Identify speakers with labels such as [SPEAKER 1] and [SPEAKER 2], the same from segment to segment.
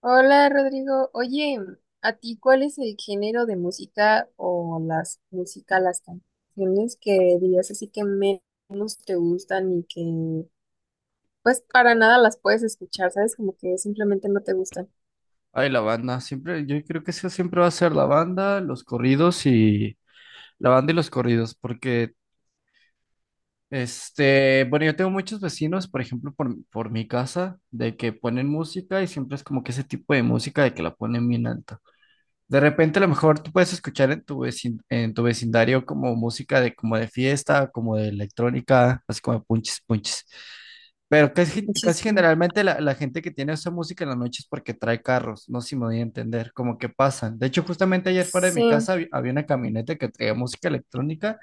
[SPEAKER 1] Hola Rodrigo, oye, ¿a ti cuál es el género de música o las canciones que dirías así que menos te gustan y que pues para nada las puedes escuchar, ¿sabes? Como que simplemente no te gustan.
[SPEAKER 2] Ay, la banda, siempre, yo creo que eso siempre va a ser la banda, los corridos y la banda y los corridos, porque bueno, yo tengo muchos vecinos, por ejemplo, por mi casa, de que ponen música y siempre es como que ese tipo de música de que la ponen bien alta. De repente, a lo mejor tú puedes escuchar en tu en tu vecindario como música de como de fiesta, como de electrónica, así como punches, punches. Pero
[SPEAKER 1] Muchis-
[SPEAKER 2] casi generalmente la gente que tiene esa música en la noche es porque trae carros, no sé si me voy a entender, como que pasan. De hecho, justamente ayer fuera de
[SPEAKER 1] Sí,
[SPEAKER 2] mi casa había una camioneta que traía música electrónica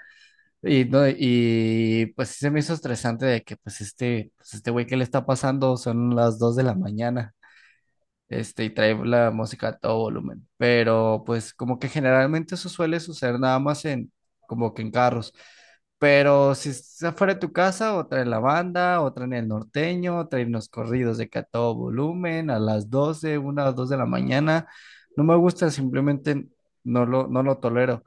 [SPEAKER 2] y, no, y pues sí se me hizo estresante de que pues este güey, ¿qué le está pasando? Son las 2 de la mañana, y trae la música a todo volumen. Pero pues como que generalmente eso suele suceder nada más como que en carros. Pero si es afuera de tu casa, otra en la banda, otra en el norteño, otra en los corridos de que a todo volumen, a las 12 una o dos de la mañana. No me gusta, simplemente no lo tolero.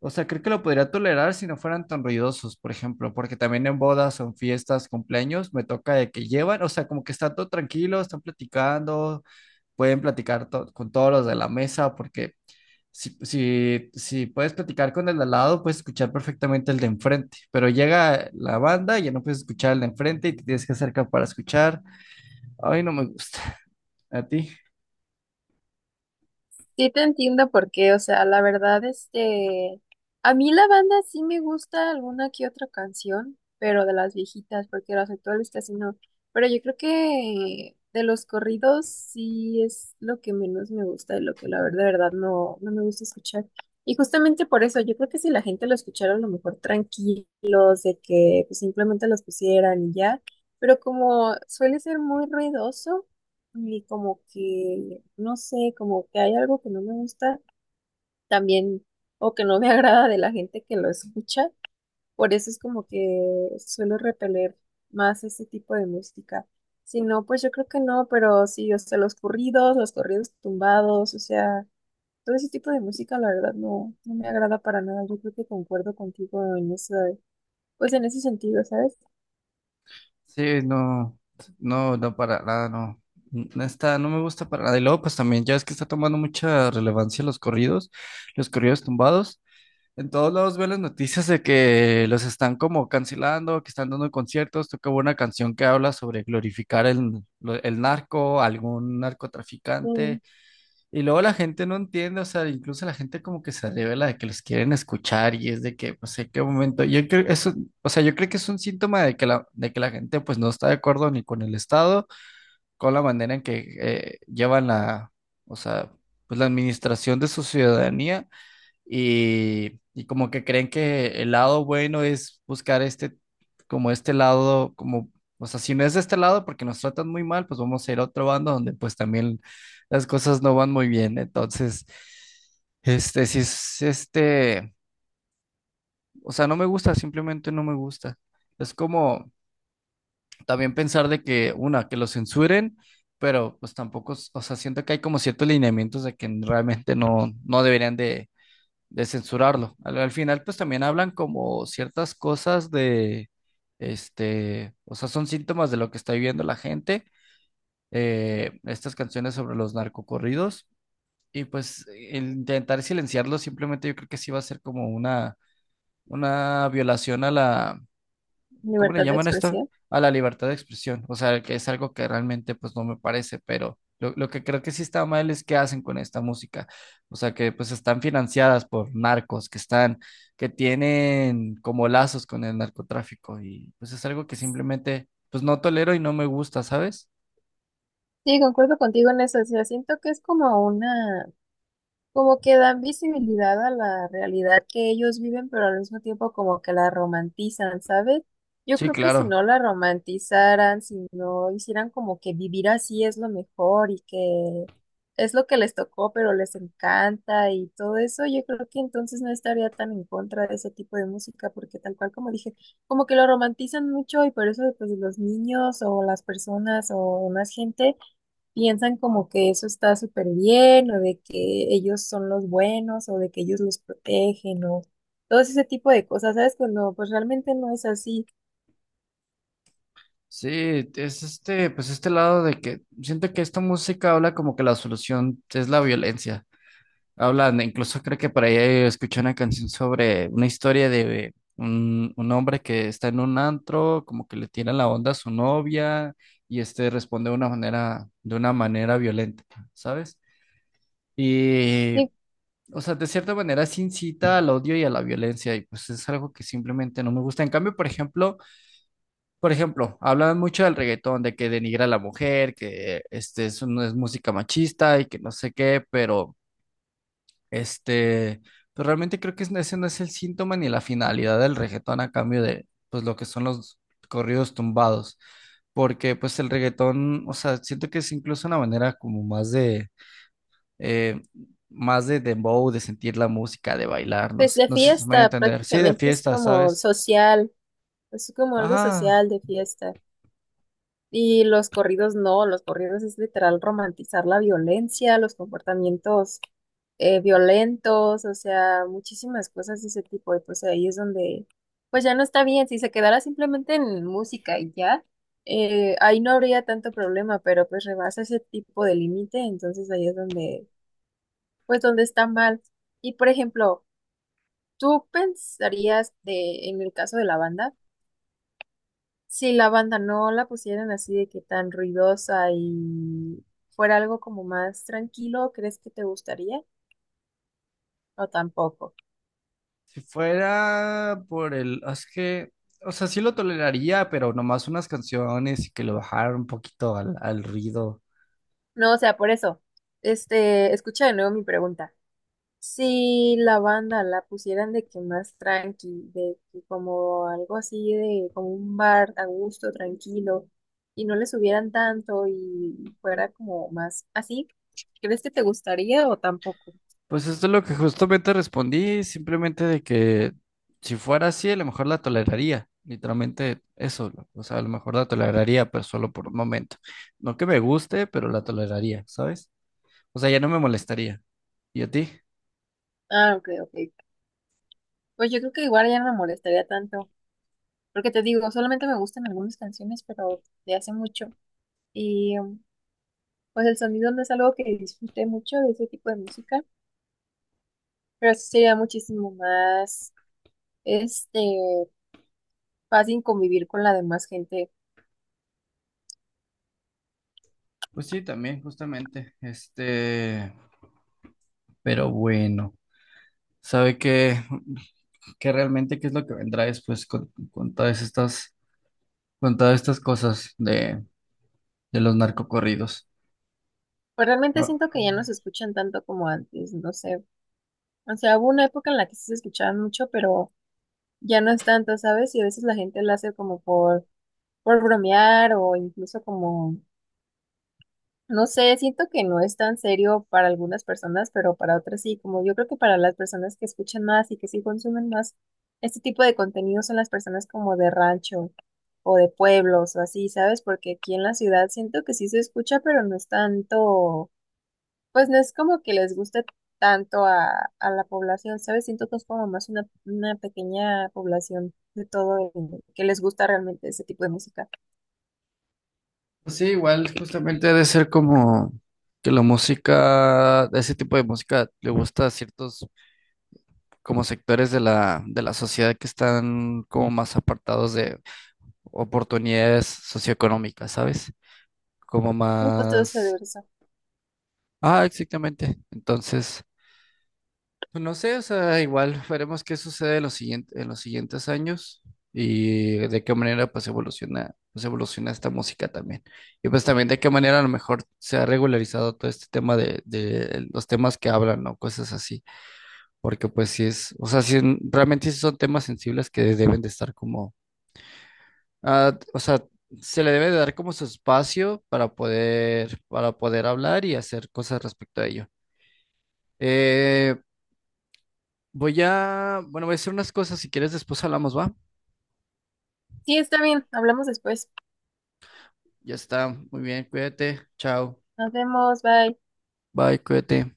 [SPEAKER 2] O sea, creo que lo podría tolerar si no fueran tan ruidosos, por ejemplo, porque también en bodas, en fiestas, cumpleaños, me toca de que llevan, o sea, como que está todo tranquilo, están platicando, pueden platicar con todos los de la mesa, porque si puedes platicar con el de al lado, puedes escuchar perfectamente el de enfrente, pero llega la banda y ya no puedes escuchar el de enfrente y te tienes que acercar para escuchar. Ay, no me gusta. ¿A ti?
[SPEAKER 1] sí te entiendo por qué, o sea, la verdad, a mí la banda sí me gusta alguna que otra canción, pero de las viejitas, porque las actuales casi no. Pero yo creo que de los corridos sí es lo que menos me gusta y lo que la verdad, de verdad no me gusta escuchar. Y justamente por eso, yo creo que si la gente lo escuchara a lo mejor tranquilos, de que pues, simplemente los pusieran y ya, pero como suele ser muy ruidoso. Y como que, no sé, como que hay algo que no me gusta también o que no me agrada de la gente que lo escucha. Por eso es como que suelo repeler más ese tipo de música. Si no, pues yo creo que no, pero sí, o sea, los corridos tumbados, o sea, todo ese tipo de música, la verdad, no me agrada para nada. Yo creo que concuerdo contigo en ese, pues en ese sentido, ¿sabes?
[SPEAKER 2] Sí, no, no, no, para nada, no. No está, no me gusta para nada. Y luego, pues también, ya es que está tomando mucha relevancia los corridos tumbados. En todos lados veo las noticias de que los están como cancelando, que están dando conciertos. Tocaba una canción que habla sobre glorificar el narco, algún
[SPEAKER 1] Mm,
[SPEAKER 2] narcotraficante. Y luego la gente no entiende, o sea, incluso la gente como que se revela de que los quieren escuchar y es de que, pues, en qué momento. Yo creo eso, o sea, yo creo que es un síntoma de de que la gente, pues, no está de acuerdo ni con el Estado, con la manera en que llevan o sea, pues, la administración de su ciudadanía y como que creen que el lado bueno es buscar como este lado, como, o sea, si no es de este lado porque nos tratan muy mal, pues vamos a ir a otro bando donde pues también las cosas no van muy bien. Entonces, este, si es este, o sea, no me gusta, simplemente no me gusta. Es como también pensar de que, una, que lo censuren, pero pues tampoco, o sea, siento que hay como ciertos lineamientos de que realmente no deberían de censurarlo. Al final, pues también hablan como ciertas cosas de, o sea, son síntomas de lo que está viviendo la gente, estas canciones sobre los narcocorridos, y pues el intentar silenciarlo simplemente yo creo que sí va a ser como una violación a la, ¿cómo le
[SPEAKER 1] libertad de
[SPEAKER 2] llaman esto?
[SPEAKER 1] expresión.
[SPEAKER 2] A la libertad de expresión. O sea, que es algo que realmente pues no me parece, pero lo que creo que sí está mal es qué hacen con esta música. O sea, que pues están financiadas por narcos, que tienen como lazos con el narcotráfico y pues es algo que simplemente pues no tolero y no me gusta, ¿sabes?
[SPEAKER 1] Sí, concuerdo contigo en eso. O sea, siento que es como una. Como que dan visibilidad a la realidad que ellos viven, pero al mismo tiempo como que la romantizan, ¿sabes? Yo
[SPEAKER 2] Sí,
[SPEAKER 1] creo que si
[SPEAKER 2] claro.
[SPEAKER 1] no la romantizaran, si no hicieran como que vivir así es lo mejor y que es lo que les tocó, pero les encanta y todo eso, yo creo que entonces no estaría tan en contra de ese tipo de música, porque tal cual como dije, como que lo romantizan mucho y por eso pues los niños o las personas o más gente piensan como que eso está súper bien o de que ellos son los buenos o de que ellos los protegen o todo ese tipo de cosas, ¿sabes? Cuando pues realmente no es así.
[SPEAKER 2] Sí, es pues este lado de que siento que esta música habla como que la solución es la violencia. Hablan, incluso creo que por ahí escuché una canción sobre una historia de un hombre que está en un antro, como que le tira la onda a su novia y este responde de una manera violenta, ¿sabes? Y,
[SPEAKER 1] Y
[SPEAKER 2] o sea, de cierta manera se incita al odio y a la violencia y pues es algo que simplemente no me gusta. En cambio, por ejemplo, hablan mucho del reggaetón, de que denigra a la mujer, que eso no es música machista y que no sé qué, pero... Este, pero realmente creo que ese no es el síntoma ni la finalidad del reggaetón a cambio de, pues, lo que son los corridos tumbados. Porque, pues, el reggaetón, o sea, siento que es incluso una manera como eh, más de dembow, de sentir la música, de bailar, no
[SPEAKER 1] pues
[SPEAKER 2] sé,
[SPEAKER 1] la
[SPEAKER 2] no sé si me voy a
[SPEAKER 1] fiesta
[SPEAKER 2] entender. Sí, de
[SPEAKER 1] prácticamente es
[SPEAKER 2] fiesta,
[SPEAKER 1] como
[SPEAKER 2] ¿sabes?
[SPEAKER 1] social, es como algo
[SPEAKER 2] Ajá,
[SPEAKER 1] social de fiesta. Y los corridos no, los corridos es literal romantizar la violencia, los comportamientos violentos, o sea, muchísimas cosas de ese tipo. Y pues ahí es donde, pues ya no está bien, si se quedara simplemente en música y ya, ahí no habría tanto problema, pero pues rebasa ese tipo de límite, entonces ahí es donde, pues donde está mal. Y por ejemplo, ¿tú pensarías de, en el caso de la banda? Si la banda no la pusieran así de que tan ruidosa y fuera algo como más tranquilo, ¿crees que te gustaría? O tampoco.
[SPEAKER 2] si fuera por el, es que, o sea, sí lo toleraría, pero nomás unas canciones y que lo bajara un poquito al ruido.
[SPEAKER 1] No, o sea, por eso, escucha de nuevo mi pregunta. Si la banda la pusieran de que más tranqui, de que como algo así de como un bar a gusto, tranquilo, y no le subieran tanto y fuera como más así, ¿crees que te gustaría o tampoco?
[SPEAKER 2] Pues esto es lo que justamente respondí, simplemente de que si fuera así, a lo mejor la toleraría, literalmente eso, o sea, a lo mejor la toleraría, pero solo por un momento. No que me guste, pero la toleraría, ¿sabes? O sea, ya no me molestaría. ¿Y a ti?
[SPEAKER 1] Ah, ok, ok. Pues yo creo que igual ya no me molestaría tanto. Porque te digo, solamente me gustan algunas canciones, pero de hace mucho. Y pues el sonido no es algo que disfrute mucho de ese tipo de música, pero sí sería muchísimo más, este, fácil convivir con la demás gente.
[SPEAKER 2] Pues sí, también, justamente, pero bueno, ¿sabe qué? Que realmente qué es lo que vendrá después con todas estas cosas de los narcocorridos.
[SPEAKER 1] Pues realmente
[SPEAKER 2] Ah,
[SPEAKER 1] siento que ya no se escuchan tanto como antes, no sé. O sea, hubo una época en la que sí se escuchaban mucho, pero ya no es tanto, ¿sabes? Y a veces la gente lo hace como por bromear o incluso como. No sé, siento que no es tan serio para algunas personas, pero para otras sí, como yo creo que para las personas que escuchan más y que sí consumen más este tipo de contenido son las personas como de rancho o de pueblos o así, ¿sabes? Porque aquí en la ciudad siento que sí se escucha, pero no es tanto, pues no es como que les guste tanto a la población, ¿sabes? Siento que es como más una pequeña población de todo el- que les gusta realmente ese tipo de música.
[SPEAKER 2] pues sí, igual justamente ha de ser como que la música, ese tipo de música le gusta a ciertos como sectores de de la sociedad que están como más apartados de oportunidades socioeconómicas, ¿sabes? Como
[SPEAKER 1] Muy gustoso de
[SPEAKER 2] más...
[SPEAKER 1] ver eso.
[SPEAKER 2] Ah, exactamente. Entonces... No sé, o sea, igual veremos qué sucede en los siguientes años y de qué manera pues evoluciona esta música también. Y pues también de qué manera a lo mejor se ha regularizado todo este tema de los temas que hablan, ¿no? Cosas así. Porque pues sí es, o sea, sí, realmente sí son temas sensibles que deben de estar como, o sea, se le debe de dar como su espacio para poder hablar y hacer cosas respecto a ello. Eh, Voy a, bueno, voy a hacer unas cosas, si quieres después hablamos, ¿va?
[SPEAKER 1] Sí, está bien, hablamos después.
[SPEAKER 2] Ya está, muy bien, cuídate, chao,
[SPEAKER 1] Nos vemos, bye.
[SPEAKER 2] bye, cuídate.